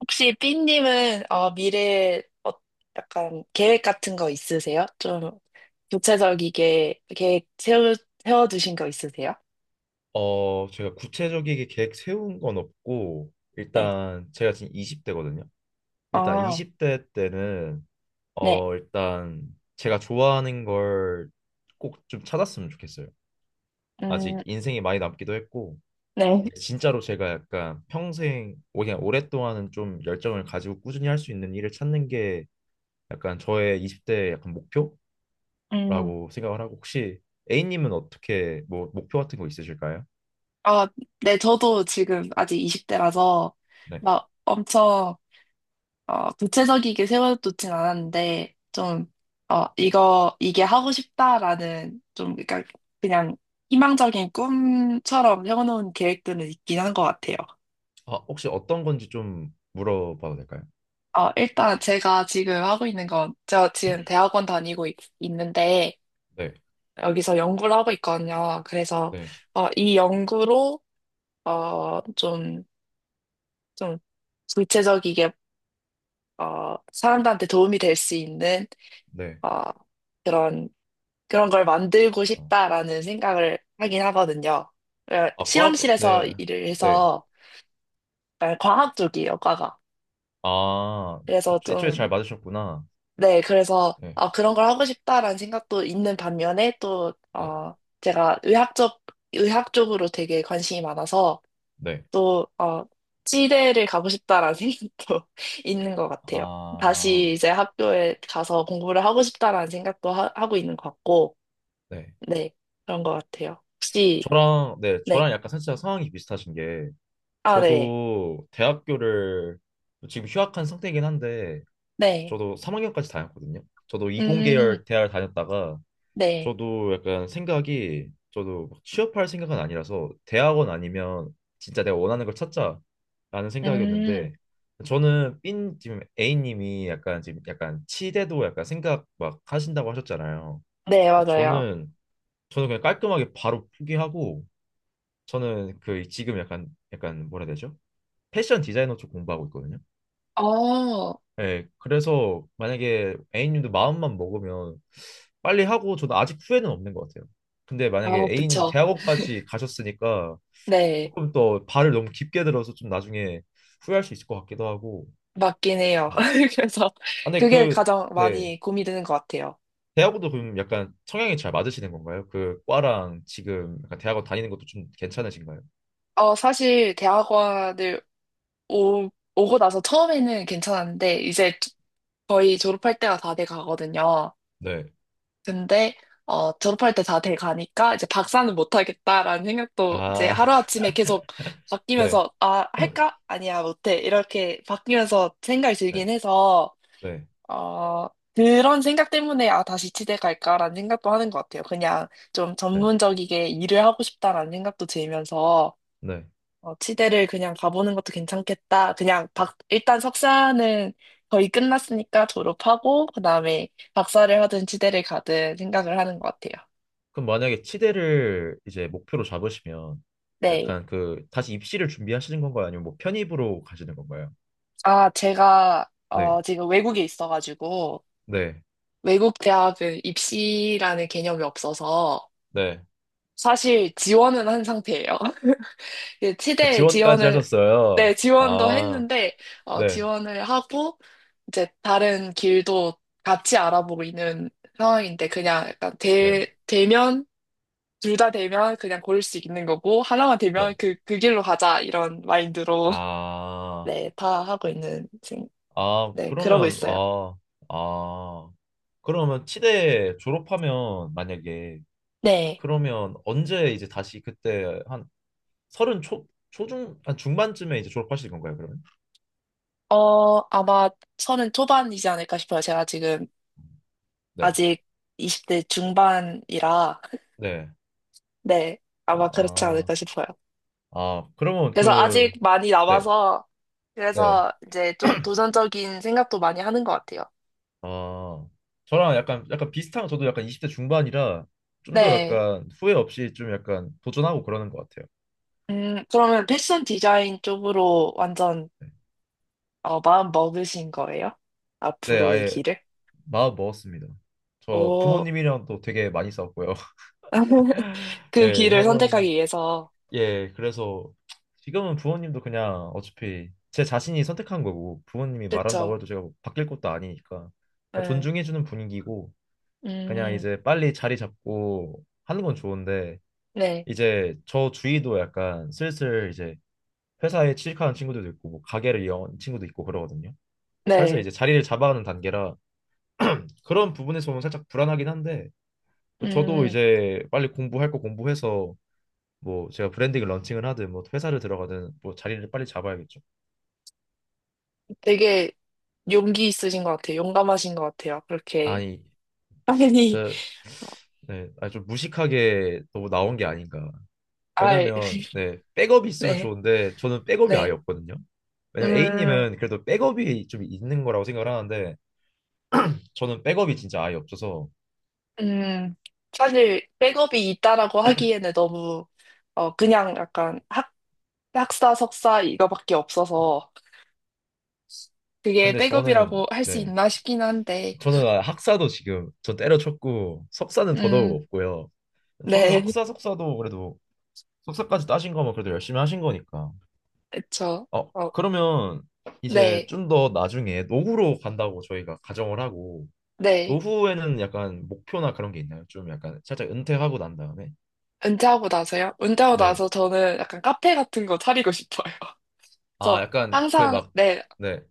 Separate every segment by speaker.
Speaker 1: 혹시 삐님은 미래 약간 계획 같은 거 있으세요? 좀 구체적이게 세워두신 거 있으세요?
Speaker 2: 제가 구체적이게 계획 세운 건 없고,
Speaker 1: 네.
Speaker 2: 일단 제가 지금 20대거든요. 일단
Speaker 1: 어,
Speaker 2: 20대 때는,
Speaker 1: 네.
Speaker 2: 어, 일단 제가 좋아하는 걸 꼭 좀 찾았으면 좋겠어요. 아직
Speaker 1: 음,
Speaker 2: 인생이 많이 남기도 했고,
Speaker 1: 네.
Speaker 2: 이제 진짜로 제가 약간 평생, 그냥 오랫동안은 좀 열정을 가지고 꾸준히 할 수 있는 일을 찾는 게 약간 저의 20대의 약간 목표라고
Speaker 1: 음,
Speaker 2: 생각을 하고, 혹시 A님은 어떻게 뭐 목표 같은 거 있으실까요?
Speaker 1: 어, 네. 저도 지금 아직 20대라서
Speaker 2: 네.
Speaker 1: 막 엄청 구체적이게 세워두진 않았는데 좀 이게 하고 싶다라는 그러니까 그냥 희망적인 꿈처럼 세워놓은 계획들은 있긴 한 것 같아요.
Speaker 2: 아, 혹시 어떤 건지 좀 물어봐도 될까요?
Speaker 1: 일단 제가 지금 하고 있는 건, 제가 지금 대학원 는데
Speaker 2: 네,
Speaker 1: 여기서 연구를 하고 있거든요. 그래서
Speaker 2: 네,
Speaker 1: 이 연구로, 어, 좀, 좀, 구체적이게, 사람들한테 도움이 될 수 있는,
Speaker 2: 네.
Speaker 1: 어, 그런, 그런 걸 만들고
Speaker 2: 어.
Speaker 1: 싶다라는 생각을 하긴 하거든요. 어,
Speaker 2: 아, 과,
Speaker 1: 실험실에서
Speaker 2: 네,
Speaker 1: 일을
Speaker 2: 네.
Speaker 1: 해서, 약간 과학 쪽이에요, 과가.
Speaker 2: 아,
Speaker 1: 그래서
Speaker 2: 애초에 잘
Speaker 1: 좀,
Speaker 2: 맞으셨구나.
Speaker 1: 네, 그래서
Speaker 2: 네,
Speaker 1: 그런 걸 하고 싶다라는 생각도 있는 반면에 또
Speaker 2: 네,
Speaker 1: 제가 의학적 의학 쪽으로 되게 관심이 많아서
Speaker 2: 네.
Speaker 1: 또 치대를 가고 싶다라는 생각도 있는 것 같아요.
Speaker 2: 아,
Speaker 1: 다시 이제 학교에 가서 공부를 하고 싶다라는 생각도 하고 있는 것 같고,
Speaker 2: 네.
Speaker 1: 네, 그런 것 같아요. 혹시
Speaker 2: 저랑, 네,
Speaker 1: 네,
Speaker 2: 저랑 약간 살짝 상황이 비슷하신 게,
Speaker 1: 아, 네,
Speaker 2: 저도 대학교를 지금 휴학한 상태이긴 한데,
Speaker 1: 네,
Speaker 2: 저도 3학년까지 다녔거든요. 저도
Speaker 1: 음,
Speaker 2: 이공계열 대학을 다녔다가,
Speaker 1: 네,
Speaker 2: 저도 약간 생각이 저도 막 취업할 생각은 아니라서 대학원 아니면 진짜 내가 원하는 걸 찾자라는
Speaker 1: 음,
Speaker 2: 생각이었는데 저는 삔 지금 A님이 약간 지금 약간 치대도 약간 생각 막 하신다고 하셨잖아요.
Speaker 1: 네,
Speaker 2: 그래서
Speaker 1: 맞아요.
Speaker 2: 저는 그냥 깔끔하게 바로 포기하고 저는 그 지금 약간 뭐라 해야 되죠? 패션 디자이너 쪽 공부하고 있거든요.
Speaker 1: 어,
Speaker 2: 예, 그래서 만약에 A님도 마음만 먹으면 빨리 하고 저는 아직 후회는 없는 것 같아요. 근데
Speaker 1: 아,
Speaker 2: 만약에 A님은
Speaker 1: 그쵸.
Speaker 2: 대학원까지 가셨으니까
Speaker 1: 네.
Speaker 2: 조금 더 발을 너무 깊게 들어서 좀 나중에 후회할 수 있을 것 같기도 하고.
Speaker 1: 맞긴 해요.
Speaker 2: 네.
Speaker 1: 그래서
Speaker 2: 아, 근데
Speaker 1: 그게
Speaker 2: 그,
Speaker 1: 가장
Speaker 2: 네.
Speaker 1: 많이 고민이 되는 것 같아요.
Speaker 2: 대학원도 그럼 약간 성향이 잘 맞으시는 건가요? 그 과랑 지금 약간 대학원 다니는 것도 좀 괜찮으신가요?
Speaker 1: 사실 오, 오고 나서 처음에는 괜찮았는데 이제 거의 졸업할 때가 다 돼 가거든요.
Speaker 2: 네.
Speaker 1: 근데 어, 졸업할 때 다 돼 가니까 이제 박사는 못 하겠다라는 생각도 이제
Speaker 2: 아,
Speaker 1: 하루아침에 계속
Speaker 2: 네.
Speaker 1: 바뀌면서 아, 할까? 아니야, 못해. 이렇게 바뀌면서 생각이
Speaker 2: 네.
Speaker 1: 들긴 해서
Speaker 2: 네.
Speaker 1: 어, 그런 생각 때문에, 아, 다시 치대 갈까라는 생각도 하는 것 같아요. 그냥 좀
Speaker 2: 네.
Speaker 1: 전문적이게 일을 하고 싶다라는 생각도 들면서,
Speaker 2: 네.
Speaker 1: 치대를 그냥 가보는 것도 괜찮겠다. 일단 석사는 거의 끝났으니까 졸업하고, 그 다음에 박사를 하든 치대를 가든 생각을 하는 것 같아요.
Speaker 2: 그럼 만약에 치대를 이제 목표로 잡으시면
Speaker 1: 네.
Speaker 2: 약간 그 다시 입시를 준비하시는 건가요? 아니면 뭐 편입으로 가시는 건가요? 네,
Speaker 1: 지금 외국에 있어가지고,
Speaker 2: 네,
Speaker 1: 외국 대학은 입시라는 개념이 없어서,
Speaker 2: 네.
Speaker 1: 사실 지원은 한 상태예요. 그
Speaker 2: 아,
Speaker 1: 치대에
Speaker 2: 지원까지
Speaker 1: 지원을,
Speaker 2: 하셨어요.
Speaker 1: 네, 지원도
Speaker 2: 아,
Speaker 1: 했는데,
Speaker 2: 네,
Speaker 1: 지원을 하고, 이제 다른 길도 같이 알아보고 있는 상황인데,
Speaker 2: 네,
Speaker 1: 되면, 둘 다 되면 그냥 고를 수 있는 거고, 하나만
Speaker 2: 네.
Speaker 1: 되면 그 길로 가자, 이런 마인드로,
Speaker 2: 아,
Speaker 1: 네, 다 하고 있는,
Speaker 2: 아,
Speaker 1: 네, 그러고
Speaker 2: 그러면,
Speaker 1: 있어요.
Speaker 2: 아, 아. 그러면 치대 졸업하면 만약에
Speaker 1: 네.
Speaker 2: 그러면 언제 이제 다시 그때 한 서른 초, 초중, 한 중반쯤에 이제 졸업하실 건가요, 그러면?
Speaker 1: 어, 아마 서른 초반이지 않을까 싶어요. 제가 지금
Speaker 2: 네,
Speaker 1: 아직 20대 중반이라,
Speaker 2: 네.
Speaker 1: 네,
Speaker 2: 아,
Speaker 1: 아마 그렇지
Speaker 2: 아.
Speaker 1: 않을까 싶어요.
Speaker 2: 아, 그러면
Speaker 1: 그래서 아직
Speaker 2: 그,
Speaker 1: 많이
Speaker 2: 네.
Speaker 1: 남아서
Speaker 2: 네.
Speaker 1: 그래서 이제 좀 도전적인 생각도 많이 하는 것 같아요.
Speaker 2: 아, 저랑 약간, 약간 비슷한, 저도 약간 20대 중반이라 좀 더
Speaker 1: 네.
Speaker 2: 약간 후회 없이 좀 약간 도전하고 그러는 것 같아요.
Speaker 1: 그러면 패션 디자인 쪽으로 완전 마음 먹으신 거예요?
Speaker 2: 네,
Speaker 1: 앞으로의
Speaker 2: 아예
Speaker 1: 길을?
Speaker 2: 마음 먹었습니다. 저
Speaker 1: 오,
Speaker 2: 부모님이랑 또 되게 많이 싸웠고요.
Speaker 1: 그
Speaker 2: 예,
Speaker 1: 길을
Speaker 2: 할머니.
Speaker 1: 선택하기 위해서.
Speaker 2: 예, 그래서 지금은 부모님도 그냥 어차피 제 자신이 선택한 거고 부모님이
Speaker 1: 그랬죠.
Speaker 2: 말한다고 해도 제가 뭐 바뀔 것도 아니니까
Speaker 1: 네.
Speaker 2: 존중해주는 분위기고 그냥
Speaker 1: 음,
Speaker 2: 이제 빨리 자리 잡고 하는 건 좋은데
Speaker 1: 네.
Speaker 2: 이제 저 주위도 약간 슬슬 이제 회사에 취직하는 친구들도 있고 뭐 가게를 연 친구도 있고 그러거든요. 살살
Speaker 1: 네.
Speaker 2: 이제 자리를 잡아가는 단계라 그런 부분에서 보면 살짝 불안하긴 한데 저도
Speaker 1: 음,
Speaker 2: 이제 빨리 공부할 거 공부해서 뭐 제가 브랜딩을 런칭을 하든 뭐 회사를 들어가든 뭐 자리를 빨리 잡아야겠죠.
Speaker 1: 되게 용기 있으신 것 같아요. 용감하신 것 같아요. 그렇게
Speaker 2: 아니
Speaker 1: 빨리,
Speaker 2: 저 네, 아니 좀 무식하게 너무 나온 게 아닌가.
Speaker 1: 알,
Speaker 2: 왜냐면 네 백업이 있으면
Speaker 1: 네.
Speaker 2: 좋은데 저는 백업이 아예
Speaker 1: 네.
Speaker 2: 없거든요. 왜냐면
Speaker 1: 음.
Speaker 2: A님은 그래도 백업이 좀 있는 거라고 생각을 하는데 저는 백업이 진짜 아예 없어서
Speaker 1: 음, 사실 백업이 있다라고 하기에는 너무 그냥 약간 학 학사 석사 이거밖에 없어서 그게
Speaker 2: 근데
Speaker 1: 백업이라고
Speaker 2: 저는
Speaker 1: 할 수
Speaker 2: 네
Speaker 1: 있나 싶긴 한데
Speaker 2: 저는 아, 학사도 지금 저 때려쳤고 석사는 더더욱
Speaker 1: 음,
Speaker 2: 없고요 저는
Speaker 1: 네,
Speaker 2: 학사 석사도 그래도 석사까지 따신 거면 그래도 열심히 하신 거니까
Speaker 1: 그쵸.
Speaker 2: 어
Speaker 1: 어,
Speaker 2: 그러면 이제
Speaker 1: 네,
Speaker 2: 좀 더 나중에 노후로 간다고 저희가 가정을 하고
Speaker 1: 네.
Speaker 2: 노후에는 약간 목표나 그런 게 있나요? 좀 약간 살짝 은퇴하고 난 다음에
Speaker 1: 은퇴하고 나서요? 은퇴하고
Speaker 2: 네
Speaker 1: 나서 저는 약간 카페 같은 거 차리고 싶어요.
Speaker 2: 아
Speaker 1: 그래서
Speaker 2: 약간 그
Speaker 1: 항상
Speaker 2: 막
Speaker 1: 네,
Speaker 2: 네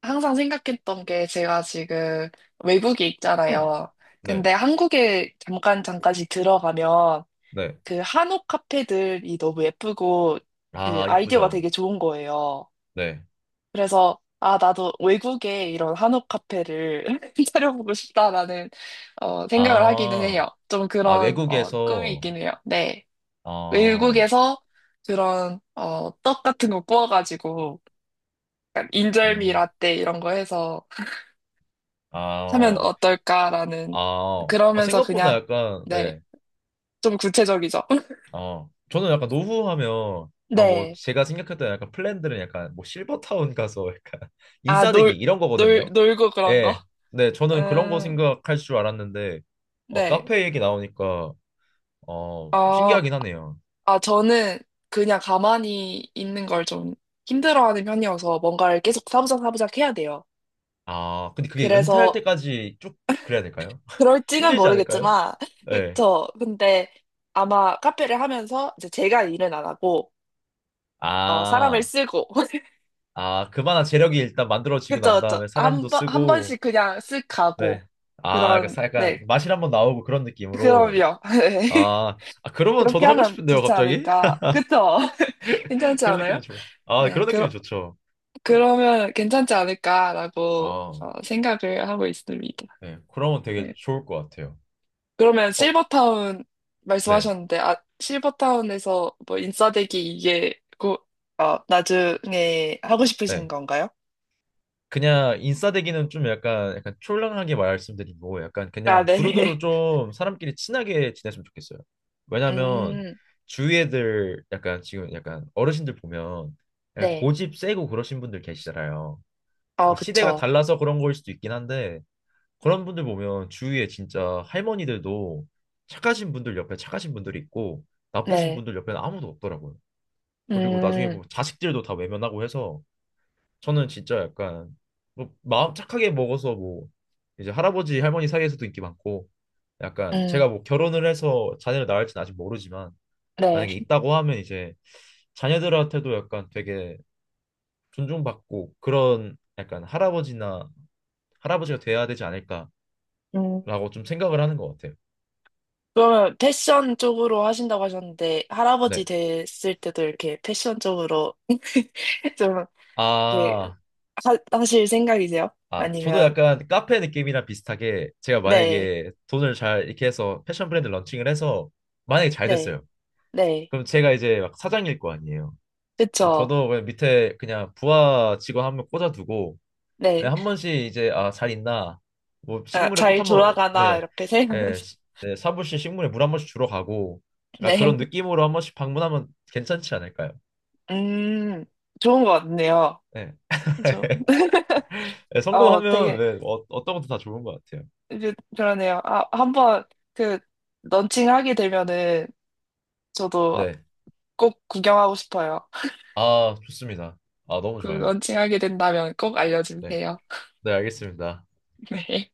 Speaker 1: 항상 생각했던 게 제가 지금 외국에 있잖아요. 근데
Speaker 2: 네
Speaker 1: 한국에 잠깐 잠깐씩 들어가면
Speaker 2: 네
Speaker 1: 그 한옥 카페들이 너무 예쁘고 그
Speaker 2: 아
Speaker 1: 아이디어가
Speaker 2: 이쁘죠
Speaker 1: 되게 좋은 거예요.
Speaker 2: 네
Speaker 1: 그래서 아, 나도 외국에 이런 한옥 카페를 차려보고 싶다라는 생각을 하기는
Speaker 2: 아,
Speaker 1: 해요. 좀
Speaker 2: 아,
Speaker 1: 그런 꿈이
Speaker 2: 외국에서
Speaker 1: 있긴 해요. 네.
Speaker 2: 아,
Speaker 1: 외국에서 그런 떡 같은 거 구워가지고 약간 인절미
Speaker 2: 음,
Speaker 1: 라떼 이런 거 해서
Speaker 2: 아,
Speaker 1: 하면
Speaker 2: 어,
Speaker 1: 어떨까라는
Speaker 2: 아, 어, 아,
Speaker 1: 그러면서
Speaker 2: 생각보다
Speaker 1: 그냥
Speaker 2: 약간,
Speaker 1: 네.
Speaker 2: 네,
Speaker 1: 좀 구체적이죠.
Speaker 2: 어, 저는 약간 노후하면, 아, 뭐,
Speaker 1: 네.
Speaker 2: 제가 생각했던 약간 플랜들은 약간, 뭐, 실버타운 가서 약간,
Speaker 1: 아,
Speaker 2: 인싸대기,
Speaker 1: 놀,
Speaker 2: 이런 거거든요.
Speaker 1: 놀고 그런 거.
Speaker 2: 예, 네, 저는 그런 거
Speaker 1: 음,
Speaker 2: 생각할 줄 알았는데,
Speaker 1: 네.
Speaker 2: 카페 얘기 나오니까, 어, 좀
Speaker 1: 아,
Speaker 2: 신기하긴 하네요.
Speaker 1: 아, 저는 그냥 가만히 있는 걸 좀 힘들어하는 편이어서 뭔가를 계속 사부작 사부작 해야 돼요.
Speaker 2: 아, 근데 그게 은퇴할
Speaker 1: 그래서
Speaker 2: 때까지 쭉 그래야 될까요?
Speaker 1: 그럴지는
Speaker 2: 힘들지 않을까요?
Speaker 1: 모르겠지만,
Speaker 2: 네.
Speaker 1: 그쵸. 근데 아마 카페를 하면서 이제 제가 일은 안 하고, 사람을
Speaker 2: 아.
Speaker 1: 쓰고,
Speaker 2: 아, 그만한 재력이 일단 만들어지고
Speaker 1: 그쵸,
Speaker 2: 난
Speaker 1: 그쵸.
Speaker 2: 다음에
Speaker 1: 한
Speaker 2: 사람도
Speaker 1: 번, 한
Speaker 2: 쓰고,
Speaker 1: 번씩 그냥 쓱 가고,
Speaker 2: 네. 아, 약간,
Speaker 1: 그런,
Speaker 2: 약간
Speaker 1: 네.
Speaker 2: 맛이 한번 나오고 그런 느낌으로.
Speaker 1: 그럼요. 네.
Speaker 2: 아, 아, 그러면
Speaker 1: 그렇게
Speaker 2: 저도 하고
Speaker 1: 하면
Speaker 2: 싶은데요,
Speaker 1: 좋지
Speaker 2: 갑자기?
Speaker 1: 않을까. 그쵸? 괜찮지
Speaker 2: 그런
Speaker 1: 않아요?
Speaker 2: 느낌이 좋아요. 아,
Speaker 1: 네.
Speaker 2: 그런 느낌이 좋죠.
Speaker 1: 그러면 괜찮지 않을까라고
Speaker 2: 아,
Speaker 1: 생각을 하고 있습니다.
Speaker 2: 네. 그러면 되게
Speaker 1: 네.
Speaker 2: 좋을 것 같아요.
Speaker 1: 그러면
Speaker 2: 어,
Speaker 1: 실버타운
Speaker 2: 네.
Speaker 1: 말씀하셨는데, 아, 실버타운에서 뭐 인싸되기 어, 나중에 하고 싶으신
Speaker 2: 네.
Speaker 1: 건가요?
Speaker 2: 그냥 인싸되기는 좀 약간 촐랑하게 말씀드리고 약간
Speaker 1: 아,
Speaker 2: 그냥 두루두루
Speaker 1: 네네.
Speaker 2: 좀 사람끼리 친하게 지냈으면 좋겠어요. 왜냐면
Speaker 1: 음,
Speaker 2: 주위 애들 약간 지금 약간 어르신들 보면 약간
Speaker 1: 네.
Speaker 2: 고집 세고 그러신 분들 계시잖아요.
Speaker 1: 아,
Speaker 2: 뭐 시대가
Speaker 1: 그쵸.
Speaker 2: 달라서 그런 거일 수도 있긴 한데 그런 분들 보면 주위에 진짜 할머니들도 착하신 분들 옆에 착하신 분들이 있고 나쁘신
Speaker 1: 네.
Speaker 2: 분들 옆에는 아무도 없더라고요. 그리고 나중에
Speaker 1: 음,
Speaker 2: 보면 자식들도 다 외면하고 해서 저는 진짜 약간 뭐 마음 착하게 먹어서 뭐 이제 할아버지 할머니 사이에서도 인기 많고 약간
Speaker 1: 음,
Speaker 2: 제가 뭐 결혼을 해서 자녀를 낳을지는 아직 모르지만 만약에
Speaker 1: 네.
Speaker 2: 있다고 하면 이제 자녀들한테도 약간 되게 존중받고 그런 약간 할아버지나 할아버지가 돼야 되지 않을까라고
Speaker 1: 음.
Speaker 2: 좀 생각을 하는 것 같아요.
Speaker 1: 그러면 패션 쪽으로 하신다고 하셨는데, 할아버지
Speaker 2: 네.
Speaker 1: 됐을 때도 이렇게 패션 쪽으로 좀 이렇게
Speaker 2: 아,
Speaker 1: 하실 생각이세요?
Speaker 2: 아, 저도
Speaker 1: 아니면,
Speaker 2: 약간 카페 느낌이랑 비슷하게 제가
Speaker 1: 네,
Speaker 2: 만약에 돈을 잘 이렇게 해서 패션 브랜드 런칭을 해서 만약에 잘
Speaker 1: 네,
Speaker 2: 됐어요.
Speaker 1: 네,
Speaker 2: 그럼 제가 이제 막 사장일 거 아니에요.
Speaker 1: 그쵸,
Speaker 2: 저도 그냥 밑에 그냥 부하 직원 한 명 꽂아두고 네,
Speaker 1: 네,
Speaker 2: 한 번씩 이제 아, 잘 있나 뭐
Speaker 1: 아,
Speaker 2: 식물에 꽃
Speaker 1: 잘
Speaker 2: 한번
Speaker 1: 돌아가나,
Speaker 2: 네,
Speaker 1: 이렇게
Speaker 2: 네,
Speaker 1: 생각하면서,
Speaker 2: 네, 사무실 식물에 물 한 번씩 주러 가고 약간 그런
Speaker 1: 네,
Speaker 2: 느낌으로 한 번씩 방문하면 괜찮지 않을까요?
Speaker 1: 음, 좋은 것 같네요.
Speaker 2: 네.
Speaker 1: 저,
Speaker 2: 네,
Speaker 1: 어,
Speaker 2: 성공하면
Speaker 1: 되게,
Speaker 2: 네, 어, 어떤 것도 다 좋은 것 같아요.
Speaker 1: 그러네요. 아, 한번, 그, 런칭하게 되면은, 저도
Speaker 2: 네.
Speaker 1: 꼭 구경하고 싶어요.
Speaker 2: 아, 좋습니다. 아, 너무
Speaker 1: 그,
Speaker 2: 좋아요.
Speaker 1: 런칭하게 된다면 꼭
Speaker 2: 네.
Speaker 1: 알려주세요.
Speaker 2: 네, 알겠습니다.
Speaker 1: 네.